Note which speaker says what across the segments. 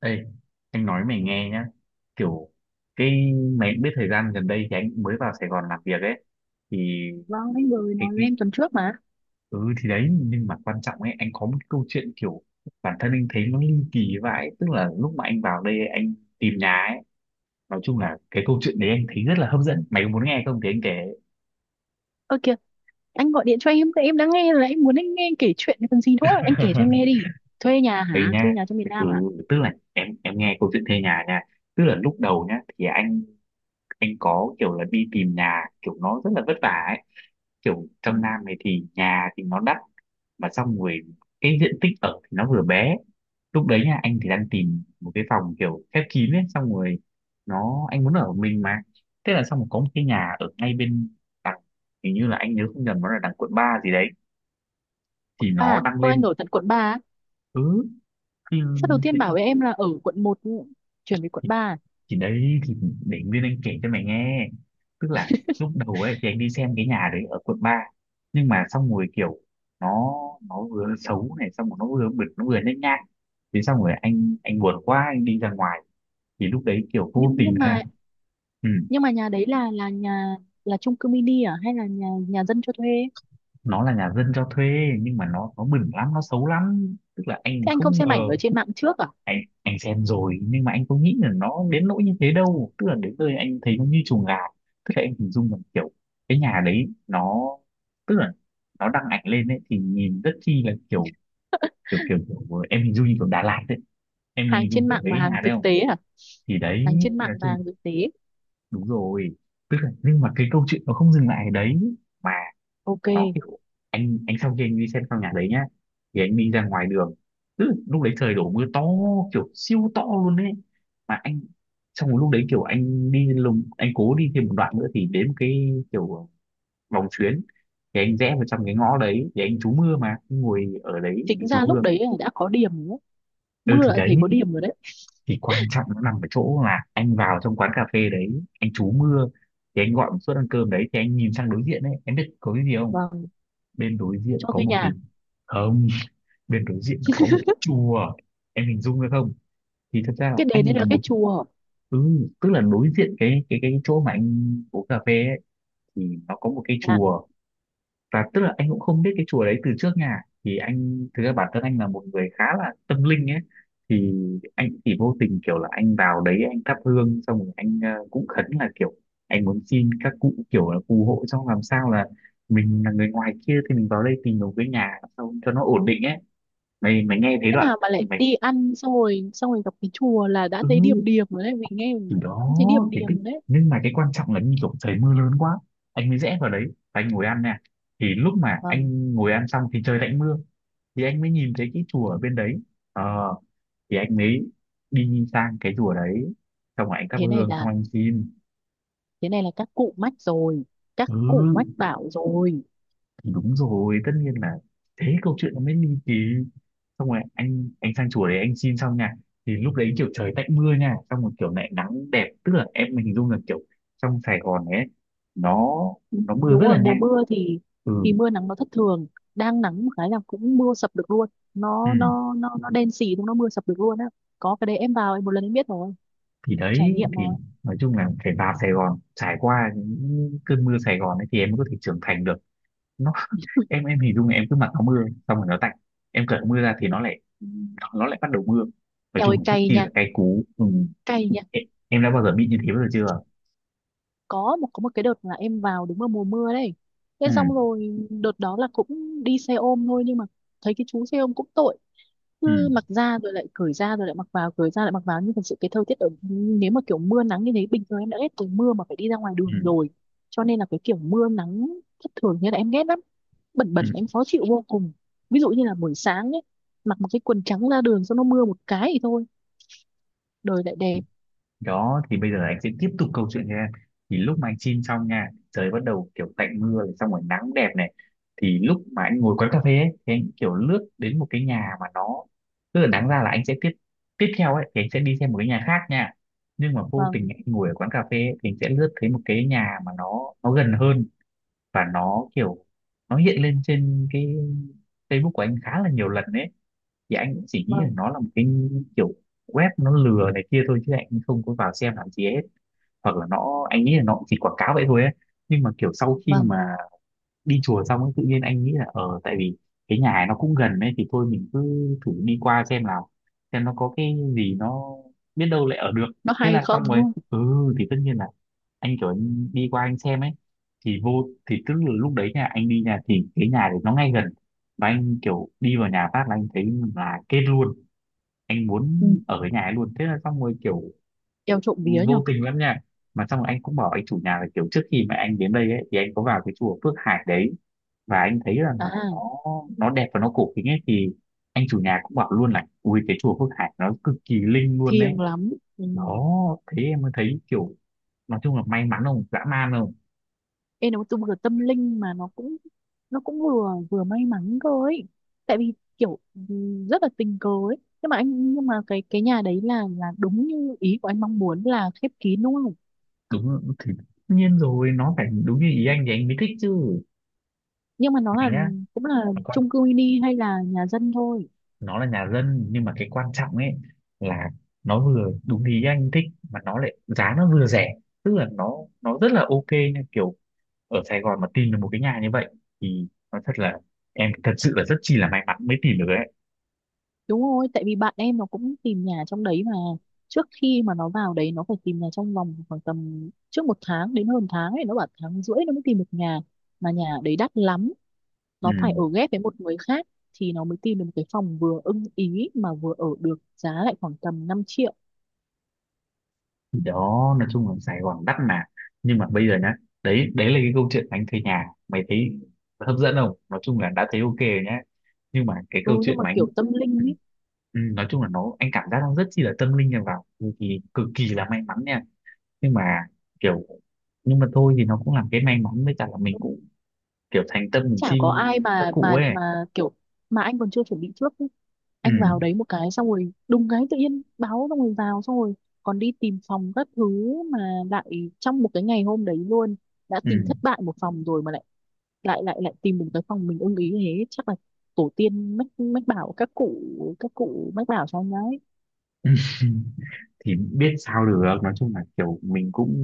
Speaker 1: Ê, anh nói mày nghe nhá, kiểu cái mày cũng biết thời gian gần đây thì anh cũng mới vào Sài Gòn làm việc ấy. Thì
Speaker 2: Vâng, anh vừa mới
Speaker 1: cái,
Speaker 2: nói với
Speaker 1: cái
Speaker 2: em tuần trước mà.
Speaker 1: ừ thì đấy, nhưng mà quan trọng ấy, anh có một cái câu chuyện kiểu bản thân anh thấy nó ly kỳ vãi, tức là lúc mà anh vào đây anh tìm nhà ấy. Nói chung là cái câu chuyện đấy anh thấy rất là hấp dẫn, mày có muốn nghe không thì anh kể.
Speaker 2: Ơ kìa, anh gọi điện cho em, tại em đang nghe là em muốn anh nghe kể chuyện còn gì nữa. Anh kể cho em nghe đi. Thuê nhà
Speaker 1: Đây
Speaker 2: hả? Thuê
Speaker 1: nha.
Speaker 2: nhà trong miền
Speaker 1: Ừ,
Speaker 2: Nam hả?
Speaker 1: tức là em nghe câu chuyện thuê nhà nha. Tức là lúc đầu nhá thì anh có kiểu là đi tìm nhà, kiểu nó rất là vất vả ấy. Kiểu
Speaker 2: Ừ,
Speaker 1: trong Nam này thì nhà thì nó đắt, mà xong rồi cái diện tích ở thì nó vừa bé. Lúc đấy nha anh thì đang tìm một cái phòng kiểu khép kín ấy, xong rồi nó anh muốn ở một mình mà. Thế là xong rồi có một cái nhà ở ngay bên đằng, hình như là anh nhớ không nhầm nó là đằng quận 3 gì đấy.
Speaker 2: quận
Speaker 1: Thì nó
Speaker 2: ba.
Speaker 1: đăng
Speaker 2: Ơ anh
Speaker 1: lên
Speaker 2: ở tận quận 3 á.
Speaker 1: cứ thì,
Speaker 2: Sao đầu tiên bảo với em là ở quận một, chuyển về quận 3
Speaker 1: thì đấy thì để Nguyên Anh kể cho mày nghe. Tức là
Speaker 2: à?
Speaker 1: lúc đầu ấy thì anh đi xem cái nhà đấy ở quận ba, nhưng mà xong rồi kiểu nó nó vừa xấu này, xong rồi nó vừa bẩn, nó vừa nhếch nhác. Thì xong rồi anh buồn quá anh đi ra ngoài. Thì lúc đấy kiểu vô
Speaker 2: Nhưng
Speaker 1: tình
Speaker 2: nhưng
Speaker 1: ha.
Speaker 2: mà
Speaker 1: Ừ,
Speaker 2: nhưng mà nhà đấy là nhà, là chung cư mini à hay là nhà nhà dân cho thuê?
Speaker 1: nó là nhà dân cho thuê, nhưng mà nó bẩn lắm, nó xấu lắm, tức là anh
Speaker 2: Thế anh không
Speaker 1: không
Speaker 2: xem
Speaker 1: ngờ.
Speaker 2: ảnh ở trên mạng trước à?
Speaker 1: Anh anh xem rồi nhưng mà anh có nghĩ là nó đến nỗi như thế đâu, tức là đến nơi anh thấy nó như chuồng gà. Tức là anh hình dung rằng kiểu cái nhà đấy nó, tức là nó đăng ảnh lên ấy thì nhìn rất chi là kiểu, kiểu em hình dung như kiểu Đà Lạt đấy, em
Speaker 2: Hàng
Speaker 1: hình dung
Speaker 2: trên
Speaker 1: kiểu
Speaker 2: mạng
Speaker 1: đấy
Speaker 2: và
Speaker 1: cái
Speaker 2: hàng
Speaker 1: nhà đấy
Speaker 2: thực
Speaker 1: không.
Speaker 2: tế à?
Speaker 1: Thì đấy,
Speaker 2: Hàng trên mạng
Speaker 1: nói
Speaker 2: và
Speaker 1: chung
Speaker 2: hàng thực tế.
Speaker 1: đúng rồi, tức là nhưng mà cái câu chuyện nó không dừng lại ở đấy mà,
Speaker 2: Ok,
Speaker 1: nó kiểu anh sau khi anh đi xem căn nhà đấy nhá thì anh đi ra ngoài đường. Tức lúc đấy trời đổ mưa to, kiểu siêu to luôn đấy. Mà anh xong rồi lúc đấy kiểu anh đi lùng, anh cố đi thêm một đoạn nữa thì đến một cái kiểu vòng xuyến. Thì anh rẽ vào trong cái ngõ đấy thì anh trú mưa, mà anh ngồi ở đấy
Speaker 2: chính
Speaker 1: anh trú
Speaker 2: ra
Speaker 1: mưa.
Speaker 2: lúc đấy là đã có điểm rồi đấy.
Speaker 1: Ừ
Speaker 2: Mưa
Speaker 1: thì
Speaker 2: đã
Speaker 1: đấy,
Speaker 2: thấy có điểm rồi đấy.
Speaker 1: thì quan trọng nó nằm ở chỗ là anh vào trong quán cà phê đấy anh trú mưa, thì anh gọi một suất ăn cơm đấy, thì anh nhìn sang đối diện đấy em biết có cái gì không?
Speaker 2: Vâng,
Speaker 1: Bên đối diện
Speaker 2: cho
Speaker 1: có
Speaker 2: thuê
Speaker 1: một cái,
Speaker 2: nhà.
Speaker 1: không, bên đối diện nó có một cái chùa. Em hình dung được không? Thì thật ra là
Speaker 2: Cái đền
Speaker 1: anh
Speaker 2: đấy
Speaker 1: là
Speaker 2: là cái
Speaker 1: một.
Speaker 2: chùa
Speaker 1: Ừ, tức là đối diện cái chỗ mà anh uống cà phê ấy, thì nó có một cái
Speaker 2: à?
Speaker 1: chùa. Và tức là anh cũng không biết cái chùa đấy từ trước nhà. Thì anh thực ra bản thân anh là một người khá là tâm linh ấy. Thì anh chỉ vô tình kiểu là anh vào đấy anh thắp hương, xong rồi anh cũng khấn là kiểu anh muốn xin các cụ kiểu là phù hộ, xong làm sao là mình là người ngoài kia thì mình vào đây tìm một cái nhà, xong cho nó ổn định ấy. Mày mày nghe thấy
Speaker 2: Thế
Speaker 1: đoạn
Speaker 2: nào mà lại
Speaker 1: mày.
Speaker 2: đi ăn xong rồi gặp cái chùa là đã thấy
Speaker 1: Ừ
Speaker 2: điềm điềm rồi đấy, mình nghe mình
Speaker 1: thì đó
Speaker 2: cũng thấy điềm
Speaker 1: thì
Speaker 2: điềm
Speaker 1: cái.
Speaker 2: rồi đấy.
Speaker 1: Nhưng mà cái quan trọng là như kiểu trời mưa lớn quá anh mới rẽ vào đấy, và anh ngồi ăn nè. Thì lúc mà
Speaker 2: Vâng,
Speaker 1: anh ngồi ăn xong thì trời lại mưa. Thì anh mới nhìn thấy cái chùa ở bên đấy, ờ thì anh mới đi sang cái chùa đấy, xong rồi anh thắp
Speaker 2: thế này
Speaker 1: hương xong
Speaker 2: là
Speaker 1: anh xin.
Speaker 2: thế này là các cụ mách rồi, các
Speaker 1: Ừ
Speaker 2: cụ mách bảo rồi.
Speaker 1: thì đúng rồi, tất nhiên là thế câu chuyện nó mới ly kỳ. Xong rồi anh sang chùa đấy anh xin xong nha. Thì lúc đấy kiểu trời tạnh mưa nha, xong rồi kiểu lại nắng đẹp. Tức là em mình hình dung là kiểu trong Sài Gòn ấy nó nó mưa rất
Speaker 2: Đúng rồi,
Speaker 1: là
Speaker 2: mùa
Speaker 1: nhanh.
Speaker 2: mưa thì
Speaker 1: Ừ,
Speaker 2: mưa nắng nó thất thường, đang nắng một cái là cũng mưa sập được luôn,
Speaker 1: ừ,
Speaker 2: nó đen xì đúng, nó mưa sập được luôn á. Có cái đấy em vào em một lần em biết rồi,
Speaker 1: thì
Speaker 2: trải
Speaker 1: đấy
Speaker 2: nghiệm rồi.
Speaker 1: thì nói chung là phải vào Sài Gòn trải qua những cơn mưa Sài Gòn ấy thì em mới có thể trưởng thành được. Nó em hình dung là em cứ mặc áo mưa xong rồi nó tạnh, em cởi áo mưa ra thì nó lại bắt đầu mưa. Nói
Speaker 2: Eo ơi
Speaker 1: chung là rất
Speaker 2: cay
Speaker 1: chi
Speaker 2: nha,
Speaker 1: là cay cú. Ừ.
Speaker 2: cay nha.
Speaker 1: Em em đã bao giờ bị như thế bao giờ chưa?
Speaker 2: Có một có một cái đợt là em vào đúng vào mùa mưa đấy, thế
Speaker 1: Ừ,
Speaker 2: xong rồi đợt đó là cũng đi xe ôm thôi, nhưng mà thấy cái chú xe ôm cũng tội,
Speaker 1: ừ,
Speaker 2: cứ mặc ra rồi lại cởi ra rồi lại mặc vào cởi ra lại mặc vào. Nhưng thật sự cái thời tiết ở, nếu mà kiểu mưa nắng như thế, bình thường em đã ghét từ mưa mà phải đi ra ngoài
Speaker 1: ừ,
Speaker 2: đường rồi, cho nên là cái kiểu mưa nắng thất thường như là em ghét lắm, bẩn
Speaker 1: ừ.
Speaker 2: bẩn em khó chịu vô cùng. Ví dụ như là buổi sáng ấy, mặc một cái quần trắng ra đường xong nó mưa một cái thì thôi, đời lại đẹp.
Speaker 1: Đó, thì bây giờ anh sẽ tiếp tục câu chuyện nha. Thì lúc mà anh chim xong nha, trời bắt đầu kiểu tạnh mưa, này, xong rồi nắng đẹp này. Thì lúc mà anh ngồi quán cà phê ấy, thì anh kiểu lướt đến một cái nhà mà nó. Tức là đáng ra là anh sẽ tiếp tiếp theo ấy, thì anh sẽ đi xem một cái nhà khác nha. Nhưng mà vô tình
Speaker 2: Vâng.
Speaker 1: anh ngồi ở quán cà phê ấy, thì anh sẽ lướt thấy một cái nhà mà nó gần hơn, và nó kiểu nó hiện lên trên cái Facebook của anh khá là nhiều lần đấy. Thì anh cũng chỉ nghĩ là
Speaker 2: Vâng.
Speaker 1: nó là một cái kiểu web nó lừa này kia thôi chứ anh không có vào xem làm gì hết, hoặc là nó anh nghĩ là nó cũng chỉ quảng cáo vậy thôi ấy. Nhưng mà kiểu sau khi
Speaker 2: Vâng,
Speaker 1: mà đi chùa xong ấy, tự nhiên anh nghĩ là tại vì cái nhà này nó cũng gần ấy thì thôi mình cứ thử đi qua xem nào, xem nó có cái gì, nó biết đâu lại ở được.
Speaker 2: nó
Speaker 1: Thế
Speaker 2: hay
Speaker 1: là xong
Speaker 2: không
Speaker 1: rồi.
Speaker 2: đúng không.
Speaker 1: Ừ thì tất nhiên là anh kiểu anh đi qua anh xem ấy, thì tức là lúc đấy nha anh đi nhà thì cái nhà đấy nó ngay gần. Và anh kiểu đi vào nhà phát là anh thấy là kết luôn, anh muốn
Speaker 2: Ừ.
Speaker 1: ở cái nhà ấy luôn. Thế là xong rồi kiểu
Speaker 2: Eo trộm vía
Speaker 1: vô
Speaker 2: nhở?
Speaker 1: tình lắm nha. Mà xong rồi anh cũng bảo anh chủ nhà là kiểu trước khi mà anh đến đây ấy, thì anh có vào cái chùa Phước Hải đấy, và anh thấy là
Speaker 2: À,
Speaker 1: nó nó đẹp và nó cổ kính ấy. Thì anh chủ nhà cũng bảo luôn là ui cái chùa Phước Hải nó cực kỳ linh luôn đấy.
Speaker 2: thiêng lắm. Ừ.
Speaker 1: Đó, thế em mới thấy kiểu, nói chung là may mắn không dã man không?
Speaker 2: Ê, nó tu vừa tâm linh mà nó cũng vừa vừa may mắn cơ ấy. Tại vì kiểu ừ, rất là tình cờ ấy. Nhưng mà anh, nhưng mà cái nhà đấy là đúng như ý của anh mong muốn là khép kín đúng không?
Speaker 1: Đúng, thì tất nhiên rồi nó phải đúng như ý anh thì anh mới thích chứ
Speaker 2: Nhưng mà nó
Speaker 1: mày
Speaker 2: là
Speaker 1: nhá,
Speaker 2: cũng là
Speaker 1: còn
Speaker 2: chung cư mini hay là nhà dân thôi.
Speaker 1: nó là nhà dân nhưng mà cái quan trọng ấy là nó vừa đúng ý anh thích, mà nó lại giá nó vừa rẻ, tức là nó rất là ok nha kiểu. Ở Sài Gòn mà tìm được một cái nhà như vậy thì nó thật là, em thật sự là rất chi là may mắn mới tìm được ấy.
Speaker 2: Đúng rồi, tại vì bạn em nó cũng tìm nhà trong đấy mà, trước khi mà nó vào đấy nó phải tìm nhà trong vòng khoảng tầm trước một tháng đến hơn tháng ấy, nó bảo tháng rưỡi nó mới tìm được nhà, mà nhà đấy đắt lắm,
Speaker 1: Ừ.
Speaker 2: nó phải ở ghép với một người khác, thì nó mới tìm được một cái phòng vừa ưng ý mà vừa ở được, giá lại khoảng tầm 5 triệu.
Speaker 1: Thì đó, nói chung là Sài Gòn đắt mà. Nhưng mà bây giờ nhá, đấy đấy là cái câu chuyện anh thuê nhà, mày thấy hấp dẫn không? Nói chung là đã thấy ok rồi nhá, nhưng mà cái
Speaker 2: Ừ,
Speaker 1: câu
Speaker 2: nhưng
Speaker 1: chuyện
Speaker 2: mà
Speaker 1: mà anh.
Speaker 2: kiểu tâm
Speaker 1: Ừ,
Speaker 2: linh ý,
Speaker 1: ừ, nói chung là nó anh cảm giác nó rất chi là tâm linh nha, vào thì cực kỳ là may mắn nha. Nhưng mà kiểu nhưng mà thôi thì nó cũng làm cái may mắn, với cả là mình cũng kiểu thành tâm mình
Speaker 2: chả có
Speaker 1: xin
Speaker 2: ai
Speaker 1: các cụ ấy.
Speaker 2: mà kiểu, mà anh còn chưa chuẩn bị trước ý.
Speaker 1: Ừ,
Speaker 2: Anh vào đấy một cái xong rồi đùng cái tự nhiên báo xong rồi vào xong rồi còn đi tìm phòng các thứ, mà lại trong một cái ngày hôm đấy luôn, đã
Speaker 1: ừ.
Speaker 2: tìm thất bại một phòng rồi mà lại lại lại lại tìm được cái phòng mình ưng ý, thế chắc là tổ tiên mách, mách bảo các cụ, các cụ mách bảo cho anh đấy.
Speaker 1: Thì biết sao được, nói chung là kiểu mình cũng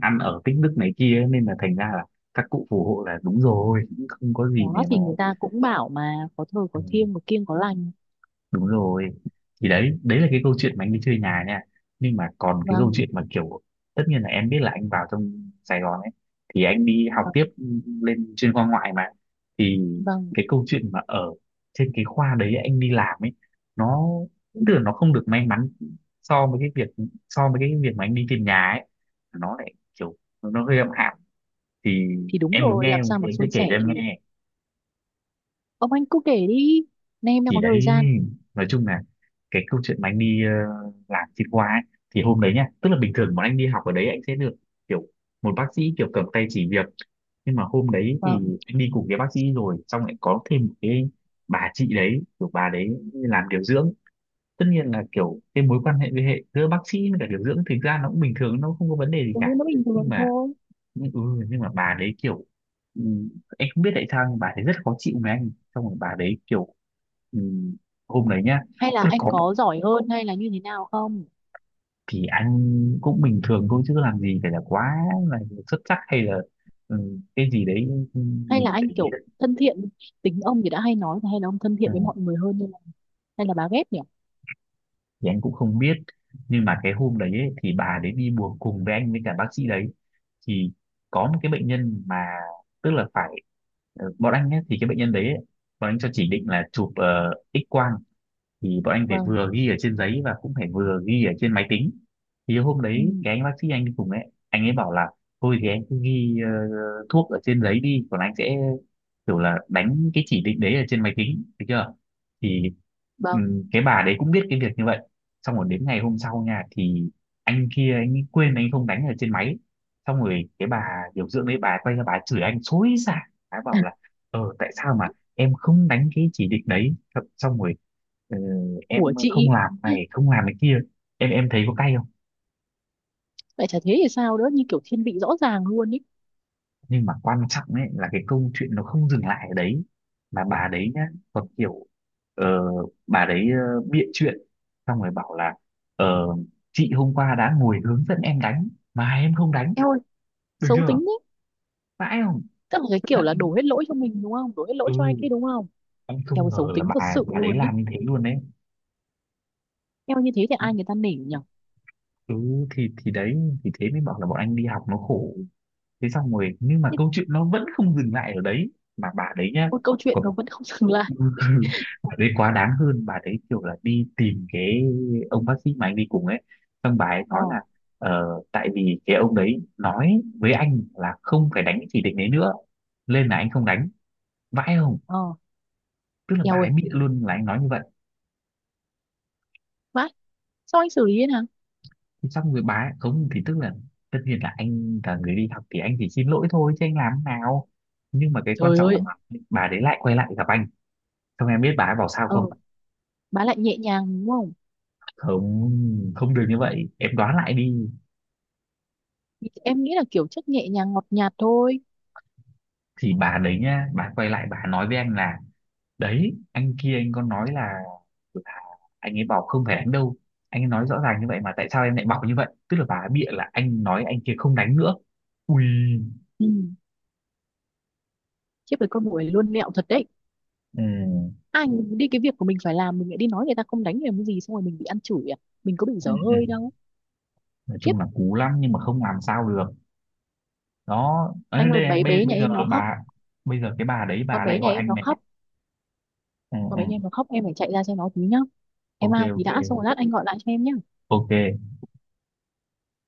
Speaker 1: ăn ở tích đức này kia ấy, nên là thành ra là các cụ phù hộ là đúng rồi, cũng không có gì để
Speaker 2: Đó
Speaker 1: mà.
Speaker 2: thì người ta cũng bảo mà, có thờ có
Speaker 1: Ừ.
Speaker 2: thiêng có kiêng có lành.
Speaker 1: Đúng rồi. Thì đấy, đấy là cái câu chuyện mà anh đi chơi nhà nha. Nhưng mà còn cái câu
Speaker 2: Vâng.
Speaker 1: chuyện mà kiểu, tất nhiên là em biết là anh vào trong Sài Gòn ấy, thì anh đi học tiếp
Speaker 2: Vâng.
Speaker 1: lên chuyên khoa ngoại mà. Thì
Speaker 2: Vâng.
Speaker 1: cái câu chuyện mà ở trên cái khoa đấy anh đi làm ấy, nó, tức
Speaker 2: Ừ.
Speaker 1: là nó không được may mắn so với cái việc mà anh đi tìm nhà ấy. Nó lại kiểu, nó hơi âm ỉ. Thì
Speaker 2: Thì đúng
Speaker 1: em muốn
Speaker 2: rồi,
Speaker 1: nghe
Speaker 2: làm sao
Speaker 1: thì
Speaker 2: mà
Speaker 1: anh sẽ
Speaker 2: suôn
Speaker 1: kể
Speaker 2: sẻ
Speaker 1: cho em
Speaker 2: được.
Speaker 1: nghe.
Speaker 2: Ông anh cứ kể đi, nay em đang
Speaker 1: Thì
Speaker 2: có
Speaker 1: đấy,
Speaker 2: thời gian.
Speaker 1: nói chung là cái câu chuyện mà anh đi, làm trên khoa ấy, thì hôm đấy nhá, tức là bình thường bọn anh đi học ở đấy anh sẽ được kiểu một bác sĩ kiểu cầm tay chỉ việc. Nhưng mà hôm đấy thì
Speaker 2: Vâng.
Speaker 1: anh đi cùng cái bác sĩ rồi xong lại có thêm một cái bà chị đấy, kiểu bà đấy làm điều dưỡng. Tất nhiên là kiểu cái mối quan hệ với hệ giữa bác sĩ với cả điều dưỡng thực ra nó cũng bình thường, nó không có vấn đề gì
Speaker 2: Ừ, nó
Speaker 1: cả.
Speaker 2: bình
Speaker 1: Nhưng
Speaker 2: thường
Speaker 1: mà,
Speaker 2: thôi.
Speaker 1: nhưng, ừ, nhưng mà bà đấy kiểu, ừ, em không biết tại sao nhưng bà đấy rất khó chịu với anh. Xong rồi bà đấy kiểu, ừ, hôm đấy nhá,
Speaker 2: Hay là
Speaker 1: tức là
Speaker 2: anh
Speaker 1: có
Speaker 2: có giỏi hơn hay là như thế nào không?
Speaker 1: thì anh cũng bình thường thôi chứ làm gì phải là quá là xuất sắc hay là, cái gì đấy
Speaker 2: Hay là
Speaker 1: mình để
Speaker 2: anh
Speaker 1: ý
Speaker 2: kiểu
Speaker 1: đấy.
Speaker 2: thân thiện, tính ông thì đã hay nói, hay là ông thân
Speaker 1: ừ,
Speaker 2: thiện với mọi người hơn, hay là bà ghét nhỉ.
Speaker 1: thì anh cũng không biết. Nhưng mà cái hôm đấy ấy, thì bà đấy đi buồng cùng với anh với cả bác sĩ đấy. Thì có một cái bệnh nhân mà, tức là phải, bọn anh ấy, thì cái bệnh nhân đấy ấy, bọn anh cho chỉ định là chụp X quang. Thì bọn anh phải
Speaker 2: Vâng.
Speaker 1: vừa ghi ở trên giấy và cũng phải vừa ghi ở trên máy tính. Thì hôm đấy
Speaker 2: Ừ.
Speaker 1: cái anh bác sĩ anh đi cùng ấy, anh ấy bảo là thôi thì anh cứ ghi thuốc ở trên giấy đi, còn anh sẽ kiểu là đánh cái chỉ định đấy ở trên máy tính được chưa. Thì
Speaker 2: Vâng.
Speaker 1: cái bà đấy cũng biết cái việc như vậy. Xong rồi đến ngày hôm sau nha, thì anh kia anh ấy quên, anh không đánh ở trên máy. Xong rồi cái bà điều dưỡng đấy, bà quay ra bà chửi anh xối xả. Bà bảo là ờ tại sao mà em không đánh cái chỉ định đấy. Xong rồi "Ờ,
Speaker 2: Ủa
Speaker 1: em không
Speaker 2: chị,
Speaker 1: làm này, không làm cái kia." Em thấy có cay không.
Speaker 2: vậy chả thế thì sao nữa, như kiểu thiên vị rõ ràng luôn ý.
Speaker 1: Nhưng mà quan trọng ấy là cái câu chuyện nó không dừng lại ở đấy, mà bà đấy nhá còn kiểu, ờ, bà đấy bịa chuyện. Xong rồi bảo là ờ, chị hôm qua đã ngồi hướng dẫn em đánh mà em không đánh,
Speaker 2: Em ơi
Speaker 1: được
Speaker 2: xấu
Speaker 1: chưa.
Speaker 2: tính thế.
Speaker 1: Vãi không.
Speaker 2: Tức là cái
Speaker 1: Tức
Speaker 2: kiểu
Speaker 1: là
Speaker 2: là đổ hết lỗi cho mình đúng không? Đổ hết lỗi
Speaker 1: ừ
Speaker 2: cho anh kia đúng không?
Speaker 1: anh
Speaker 2: Theo
Speaker 1: không
Speaker 2: cái
Speaker 1: ngờ
Speaker 2: xấu
Speaker 1: là
Speaker 2: tính
Speaker 1: bà
Speaker 2: thật sự
Speaker 1: bà đấy
Speaker 2: luôn ý.
Speaker 1: làm như thế luôn đấy.
Speaker 2: Theo như thế thì ai người ta nể nhỉ?
Speaker 1: Ừ, thì đấy, thì thế mới bảo là bọn anh đi học nó khổ. Thế xong rồi nhưng mà
Speaker 2: Nhưng
Speaker 1: câu chuyện nó vẫn không dừng lại ở đấy, mà bà đấy nhá.
Speaker 2: một câu chuyện nó vẫn không dừng lại.
Speaker 1: Bà đấy quá đáng hơn, bà đấy kiểu là đi tìm cái ông bác sĩ mà anh đi cùng ấy, xong bà ấy
Speaker 2: Ờ.
Speaker 1: nói là tại vì cái ông đấy nói với anh là không phải đánh cái chỉ định đấy nữa, nên là anh không đánh. Vãi không.
Speaker 2: Ờ.
Speaker 1: Tức là bà
Speaker 2: Eo
Speaker 1: ấy
Speaker 2: ơi.
Speaker 1: bịa luôn là anh nói như vậy.
Speaker 2: Má, sao anh xử lý thế nào?
Speaker 1: Thế xong rồi bà ấy không, thì tức là tất nhiên là anh là người đi học thì anh chỉ xin lỗi thôi chứ anh làm thế nào. Nhưng mà cái quan
Speaker 2: Trời
Speaker 1: trọng là
Speaker 2: ơi.
Speaker 1: bà đấy lại quay lại gặp anh. Xong em biết bà ấy bảo sao
Speaker 2: Ờ,
Speaker 1: không.
Speaker 2: bà lại nhẹ nhàng đúng không?
Speaker 1: Không, không được như vậy, em đoán lại đi.
Speaker 2: Thì em nghĩ là kiểu chất nhẹ nhàng ngọt nhạt thôi.
Speaker 1: Thì bà đấy nhá, bà quay lại bà nói với anh là đấy anh kia anh có nói là là anh ấy bảo không phải đánh đâu. Anh ấy nói rõ ràng như vậy mà tại sao em lại bảo như vậy. Tức là bà ấy bịa là anh nói anh kia không đánh nữa. Ui.
Speaker 2: Ừ, chứ với con người luôn mẹo thật đấy.
Speaker 1: Ừ,
Speaker 2: Anh đi cái việc của mình phải làm, mình lại đi nói người ta không đánh, mình làm cái gì, xong rồi mình bị ăn chửi à? Mình có bị dở
Speaker 1: ừ.
Speaker 2: hơi đâu.
Speaker 1: Nói
Speaker 2: Khiếp,
Speaker 1: chung là cú lắm nhưng mà không làm sao được. Đó. Ở
Speaker 2: anh ơi,
Speaker 1: đây
Speaker 2: bé bé nhà
Speaker 1: bây giờ
Speaker 2: em nó khóc.
Speaker 1: bà, bây giờ cái bà đấy bà
Speaker 2: Con
Speaker 1: lại
Speaker 2: bé nhà
Speaker 1: gọi
Speaker 2: em
Speaker 1: anh
Speaker 2: nó
Speaker 1: này.
Speaker 2: khóc.
Speaker 1: Ừ,
Speaker 2: Còn
Speaker 1: ừ.
Speaker 2: mấy em mà khóc em phải chạy ra xem nó tí nhá. Em
Speaker 1: Ok,
Speaker 2: ao tí
Speaker 1: ok,
Speaker 2: đã, xong rồi lát anh gọi lại cho em nhá.
Speaker 1: ok.